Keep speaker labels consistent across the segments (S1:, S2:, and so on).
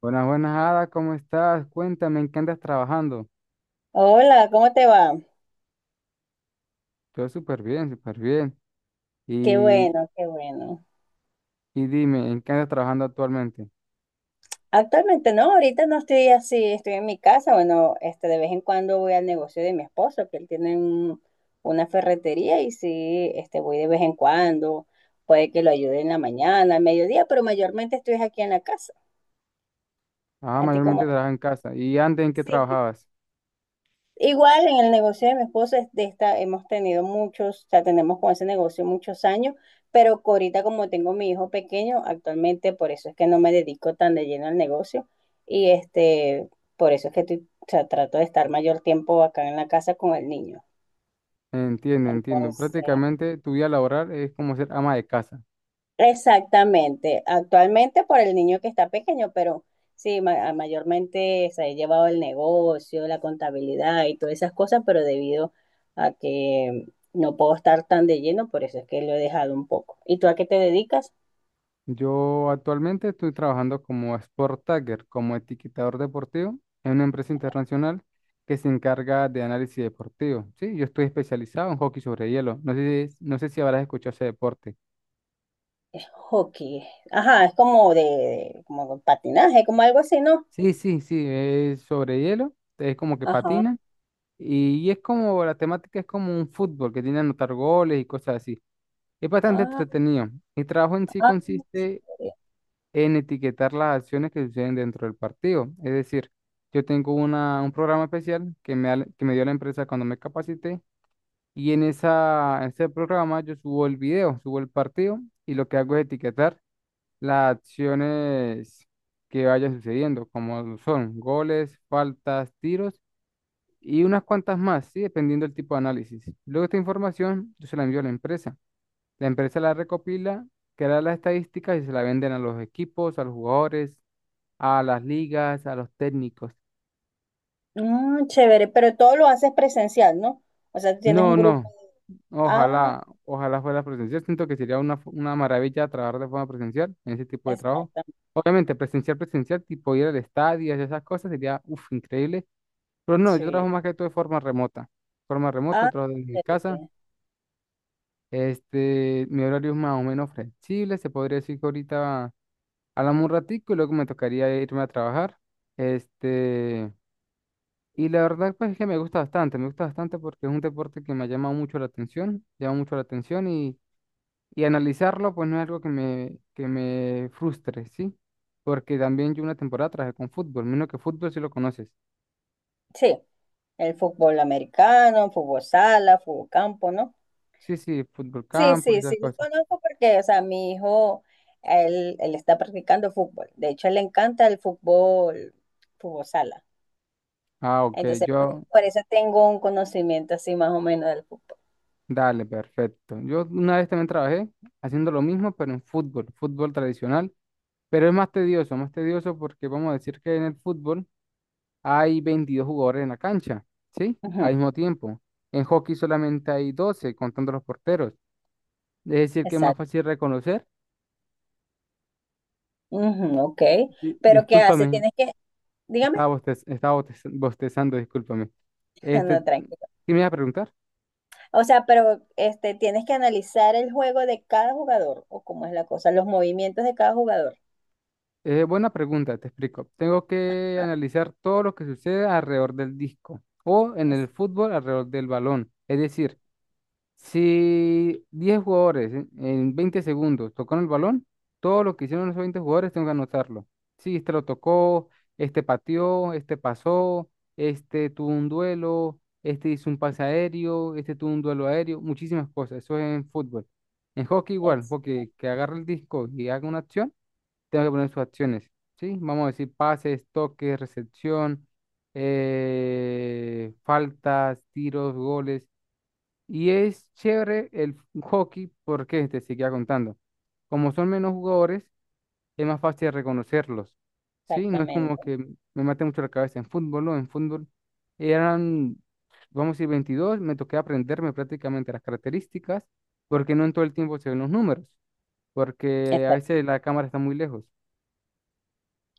S1: Buenas, buenas, Ada, ¿cómo estás? Cuéntame, ¿en qué andas trabajando?
S2: Hola, ¿cómo te va?
S1: Yo súper bien, súper bien.
S2: Qué
S1: Y,
S2: bueno, qué bueno.
S1: y dime, ¿en qué andas trabajando actualmente?
S2: Actualmente no, ahorita no estoy así, estoy en mi casa. Bueno, de vez en cuando voy al negocio de mi esposo, que él tiene una ferretería y sí, voy de vez en cuando. Puede que lo ayude en la mañana, al mediodía, pero mayormente estoy aquí en la casa.
S1: Ah,
S2: ¿A ti cómo?
S1: mayormente trabajas en casa. ¿Y antes en qué
S2: Sí.
S1: trabajabas?
S2: Igual en el negocio de mi esposo es hemos tenido muchos, o sea, tenemos con ese negocio muchos años, pero ahorita como tengo mi hijo pequeño, actualmente por eso es que no me dedico tan de lleno al negocio y por eso es que o sea, trato de estar mayor tiempo acá en la casa con el niño.
S1: Entiendo, entiendo.
S2: Entonces,
S1: Prácticamente tu vida laboral es como ser ama de casa.
S2: exactamente, actualmente por el niño que está pequeño, pero sí, mayormente se ha llevado el negocio, la contabilidad y todas esas cosas, pero debido a que no puedo estar tan de lleno, por eso es que lo he dejado un poco. ¿Y tú a qué te dedicas?
S1: Yo actualmente estoy trabajando como Sport Tagger, como etiquetador deportivo en una empresa internacional que se encarga de análisis deportivo. Sí, yo estoy especializado en hockey sobre hielo. No sé, no sé si habrás escuchado ese deporte.
S2: Hockey. Ajá, es como de como patinaje, como algo así, ¿no?
S1: Sí, sí, sí, es sobre hielo, es como que
S2: Ajá.
S1: patina y es como la temática es como un fútbol que tiene que anotar goles y cosas así. Es bastante
S2: Ah,
S1: entretenido. Mi trabajo en sí
S2: ah,
S1: consiste
S2: sí.
S1: en etiquetar las acciones que suceden dentro del partido. Es decir, yo tengo un programa especial que me dio la empresa cuando me capacité y en en ese programa yo subo el video, subo el partido y lo que hago es etiquetar las acciones que vayan sucediendo, como son goles, faltas, tiros y unas cuantas más, ¿sí? Dependiendo del tipo de análisis. Luego esta información yo se la envío a la empresa. La empresa la recopila, crea las estadísticas y se la venden a los equipos, a los jugadores, a las ligas, a los técnicos.
S2: Mm, chévere, pero todo lo haces presencial, ¿no? O sea, tienes
S1: No,
S2: un grupo.
S1: no,
S2: Ah,
S1: ojalá, ojalá fuera presencial. Siento que sería una maravilla trabajar de forma presencial en ese tipo de trabajo.
S2: exactamente.
S1: Obviamente, presencial, presencial, tipo ir al estadio y esas cosas sería, uf, increíble. Pero no, yo
S2: Sí.
S1: trabajo más que todo de forma remota. Forma remota,
S2: Ah,
S1: trabajo desde mi casa.
S2: chévere.
S1: Este, mi horario es más o menos flexible. Se podría decir que ahorita hablamos un ratico y luego me tocaría irme a trabajar. Este, y la verdad pues es que me gusta bastante porque es un deporte que me ha llamado mucho la atención, llama mucho la atención y analizarlo pues no es algo que me frustre, ¿sí? Porque también yo una temporada trabajé con fútbol, menos que fútbol si lo conoces.
S2: Sí, el fútbol americano, fútbol sala, fútbol campo, ¿no?
S1: Sí, sí, fútbol
S2: Sí,
S1: campo y
S2: sí,
S1: esas
S2: sí, lo
S1: cosas.
S2: conozco porque, o sea, mi hijo, él está practicando fútbol. De hecho, le encanta el fútbol, fútbol sala.
S1: Ah, ok.
S2: Entonces, por,
S1: Yo,
S2: por eso tengo un conocimiento así más o menos del fútbol.
S1: dale, perfecto. Yo una vez también trabajé haciendo lo mismo, pero en fútbol, fútbol tradicional, pero es más tedioso porque vamos a decir que en el fútbol hay 22 jugadores en la cancha, ¿sí?
S2: Ujú,
S1: Al mismo tiempo. En hockey solamente hay 12 contando los porteros. Es decir, que es más
S2: exacto.
S1: fácil reconocer.
S2: Ujú, ok.
S1: Di-
S2: Pero ¿qué haces?
S1: discúlpame,
S2: Tienes que, dígame,
S1: estaba bostezando, discúlpame. Este,
S2: no, tranquilo.
S1: ¿qué me ibas a preguntar?
S2: O sea, pero tienes que analizar el juego de cada jugador o cómo es la cosa, los movimientos de cada jugador.
S1: Buena pregunta, te explico. Tengo que
S2: Ah,
S1: analizar todo lo que sucede alrededor del disco o en
S2: es-
S1: el fútbol alrededor del balón. Es decir, si 10 jugadores en 20 segundos tocaron el balón, todo lo que hicieron esos 20 jugadores tengo que anotarlo. Si este lo tocó, este pateó, este pasó, este tuvo un duelo, este hizo un pase aéreo, este tuvo un duelo aéreo, muchísimas cosas. Eso es en fútbol. En hockey igual,
S2: es-
S1: porque que agarre el disco y haga una acción tengo que poner sus acciones, ¿sí? Vamos a decir pases, toques, recepción, faltas, tiros, goles. Y es chévere el hockey porque te seguía contando. Como son menos jugadores, es más fácil reconocerlos, ¿sí? No es como
S2: Exactamente,
S1: que me mate mucho la cabeza en fútbol, ¿no? En fútbol eran, vamos a decir, 22, me toqué aprenderme prácticamente las características porque no en todo el tiempo se ven los números porque a
S2: exacto.
S1: veces la cámara está muy lejos.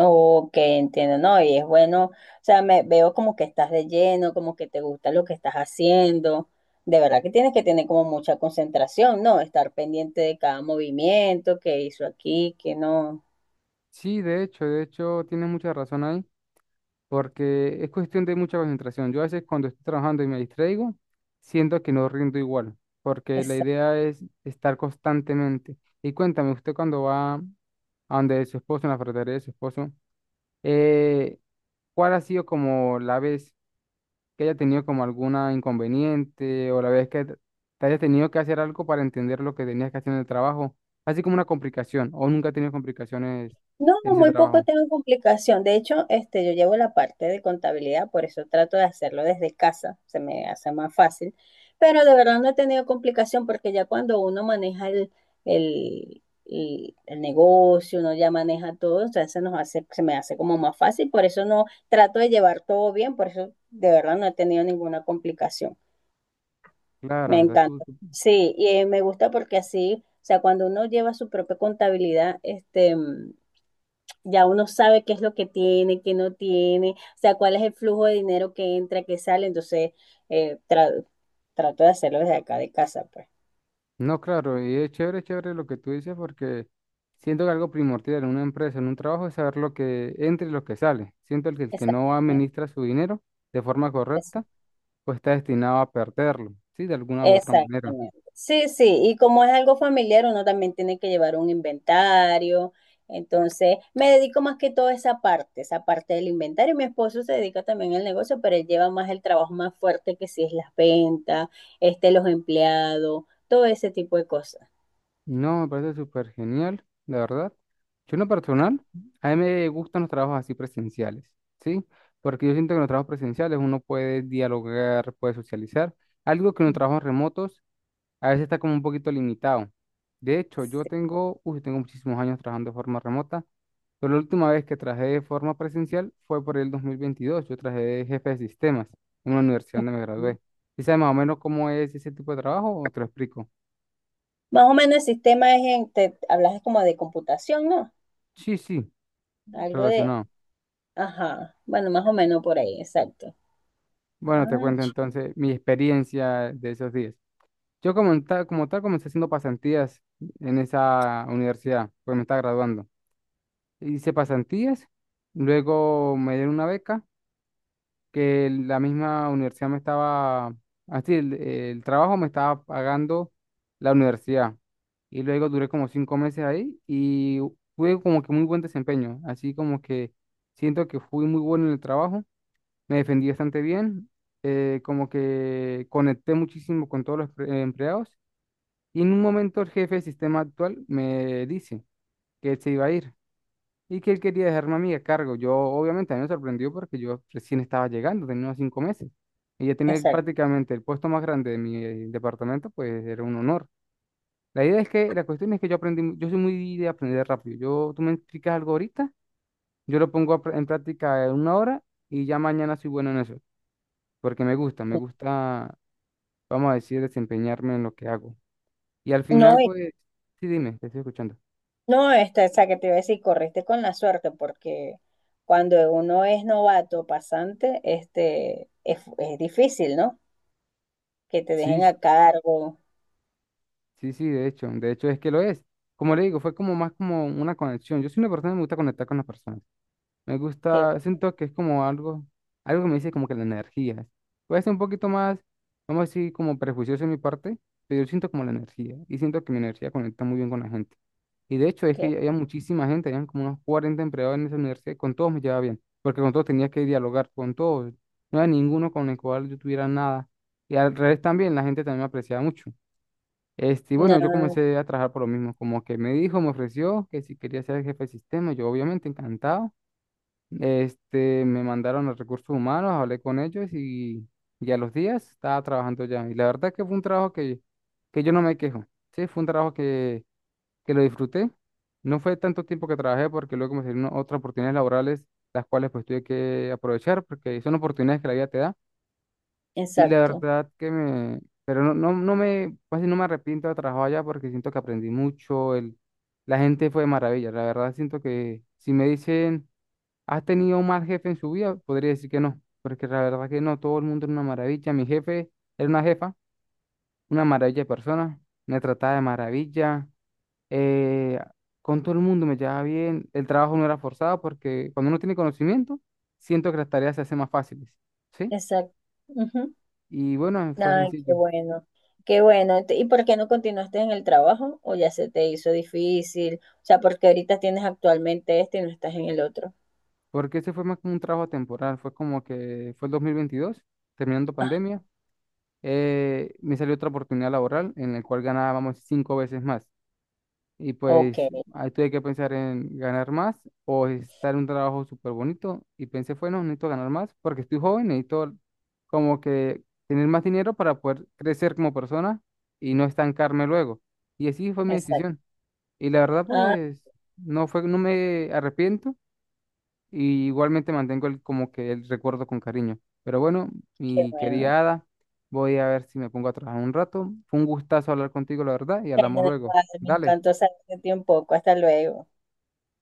S2: Ok, entiendo, ¿no? Y es bueno, o sea, me veo como que estás de lleno, como que te gusta lo que estás haciendo. De verdad que tienes que tener como mucha concentración, ¿no? Estar pendiente de cada movimiento que hizo aquí, que no.
S1: Sí, de hecho, tienes mucha razón ahí, porque es cuestión de mucha concentración. Yo a veces cuando estoy trabajando y me distraigo, siento que no rindo igual, porque la idea es estar constantemente. Y cuéntame, usted cuando va a donde su esposo, en la ferretería de su esposo, eh, ¿cuál ha sido como la vez que haya tenido como alguna inconveniente o la vez que te haya tenido que hacer algo para entender lo que tenías que hacer en el trabajo? Así como una complicación, o nunca ha tenido complicaciones
S2: No,
S1: en ese
S2: muy poco
S1: trabajo.
S2: tengo complicación. De hecho, yo llevo la parte de contabilidad, por eso trato de hacerlo desde casa, se me hace más fácil. Pero de verdad no he tenido complicación porque ya cuando uno maneja el negocio, uno ya maneja todo, o sea, se nos hace, se me hace como más fácil. Por eso no trato de llevar todo bien, por eso de verdad no he tenido ninguna complicación.
S1: Claro,
S2: Me
S1: estás tú.
S2: encanta. Sí, y me gusta porque así, o sea, cuando uno lleva su propia contabilidad, ya uno sabe qué es lo que tiene, qué no tiene, o sea, cuál es el flujo de dinero que entra, que sale, entonces eh, tra- trato de hacerlo desde acá de casa, pues.
S1: No, claro, y es chévere, chévere lo que tú dices porque siento que algo primordial en una empresa, en un trabajo, es saber lo que entra y lo que sale. Siento que el que no
S2: Exactamente.
S1: administra su dinero de forma
S2: es-
S1: correcta, pues está destinado a perderlo, ¿sí? De alguna u otra manera.
S2: Exactamente. Sí, sí, y como es algo familiar, uno también tiene que llevar un inventario, entonces me dedico más que todo a esa parte del inventario. Mi esposo se dedica también al negocio, pero él lleva más el trabajo más fuerte que si es las ventas, los empleados, todo ese tipo de cosas.
S1: No, me parece súper genial, la verdad. Yo en lo personal, a mí me gustan los trabajos así presenciales, ¿sí? Porque yo siento que en los trabajos presenciales uno puede dialogar, puede socializar, algo que en los trabajos remotos a veces está como un poquito limitado. De hecho, yo tengo, uy, tengo muchísimos años trabajando de forma remota, pero la última vez que trabajé de forma presencial fue por el 2022. Yo trabajé de jefe de sistemas en una universidad donde me
S2: Ujú.
S1: gradué. ¿Y sabes más o menos cómo es ese tipo de trabajo o te lo explico?
S2: Más o menos el sistema es en, te hablas como de computación, ¿no?
S1: Sí, sí,
S2: Algo de,
S1: relacionado.
S2: ajá, bueno, más o menos por ahí, exacto.
S1: Bueno, te
S2: Ay,
S1: cuento entonces mi experiencia de esos días. Yo como tal comencé haciendo pasantías en esa universidad, pues me estaba graduando. Hice pasantías, luego me dieron una beca que la misma universidad me estaba, así, el trabajo me estaba pagando la universidad. Y luego duré como 5 meses ahí y tuve como que muy buen desempeño. Así como que siento que fui muy bueno en el trabajo, me defendí bastante bien, como que conecté muchísimo con todos los empleados. Y en un momento el jefe de sistema actual me dice que él se iba a ir y que él quería dejarme a mí a cargo. Yo obviamente a mí me sorprendió porque yo recién estaba llegando, tenía unos 5 meses. Y ya tener
S2: exacto.
S1: prácticamente el puesto más grande de mi departamento, pues era un honor. La idea es que, la cuestión es que yo aprendí, yo soy muy de aprender rápido. Yo, tú me explicas algo ahorita, yo lo pongo a en práctica en una hora y ya mañana soy bueno en eso, porque me gusta, vamos a decir, desempeñarme en lo que hago. Y al
S2: No,
S1: final, pues, sí, dime, te estoy escuchando.
S2: no, esa que te iba a decir, corriste con la suerte, porque cuando uno es novato, pasante, es difícil, ¿no? Que te dejen
S1: Sí,
S2: a cargo,
S1: sí, sí, de hecho es que lo es. Como le digo, fue como más como una conexión. Yo soy una persona que me gusta conectar con las personas. Me
S2: que,
S1: gusta, siento que es como algo, algo que me dice como que la energía. Puede ser un poquito más, vamos a decir, como prejuicioso en mi parte, pero yo siento como la energía y siento que mi energía conecta muy bien con la gente. Y de hecho es
S2: que,
S1: que había muchísima gente, habían como unos 40 empleados en esa universidad, y con todos me llevaba bien, porque con todos tenía que dialogar, con todos. No había ninguno con el cual yo tuviera nada. Y al revés también, la gente también me apreciaba mucho. Este, y
S2: no,
S1: bueno, yo comencé a trabajar por lo mismo, como que me dijo, me ofreció que si quería ser jefe de sistema, yo obviamente encantado. Este, me mandaron a recursos humanos, hablé con ellos y a los días estaba trabajando ya. Y la verdad que fue un trabajo que yo no me quejo, sí, fue un trabajo que lo disfruté. No fue tanto tiempo que trabajé porque luego me salieron otras oportunidades laborales, las cuales pues tuve que aprovechar porque son oportunidades que la vida te da y la
S2: exacto,
S1: verdad que me, pero no, no, no me, casi no me arrepiento de trabajar allá porque siento que aprendí mucho, el, la gente fue de maravilla, la verdad siento que si me dicen, ¿has tenido un mal jefe en su vida? Podría decir que no, porque la verdad que no, todo el mundo era una maravilla, mi jefe era una jefa, una maravilla de persona, me trataba de maravilla, eh, con todo el mundo me llevaba bien, el trabajo no era forzado porque cuando uno tiene conocimiento, siento que las tareas se hacen más fáciles, ¿sí?
S2: exacto. Ujú.
S1: Y bueno, fue
S2: Ay, qué
S1: sencillo.
S2: bueno, qué bueno. ¿Y por qué no continuaste en el trabajo? ¿O ya se te hizo difícil? O sea, porque ahorita tienes actualmente y no estás en el otro.
S1: Porque ese fue más como un trabajo temporal, fue como que fue el 2022, terminando pandemia, me salió otra oportunidad laboral en la cual ganábamos 5 veces más. Y
S2: Ok,
S1: pues ahí tuve que pensar en ganar más o estar en un trabajo súper bonito. Y pensé, bueno, necesito ganar más porque estoy joven, necesito como que tener más dinero para poder crecer como persona y no estancarme luego. Y así fue mi
S2: exacto.
S1: decisión. Y la verdad,
S2: Ah,
S1: pues no fue, no me arrepiento y igualmente mantengo como que el recuerdo con cariño. Pero bueno,
S2: qué
S1: mi
S2: bueno.
S1: querida Ada, voy a ver si me pongo a trabajar un rato. Fue un gustazo hablar contigo, la verdad, y
S2: Bueno,
S1: hablamos luego.
S2: igual, me
S1: Dale.
S2: encantó saberte de ti un poco. Hasta luego.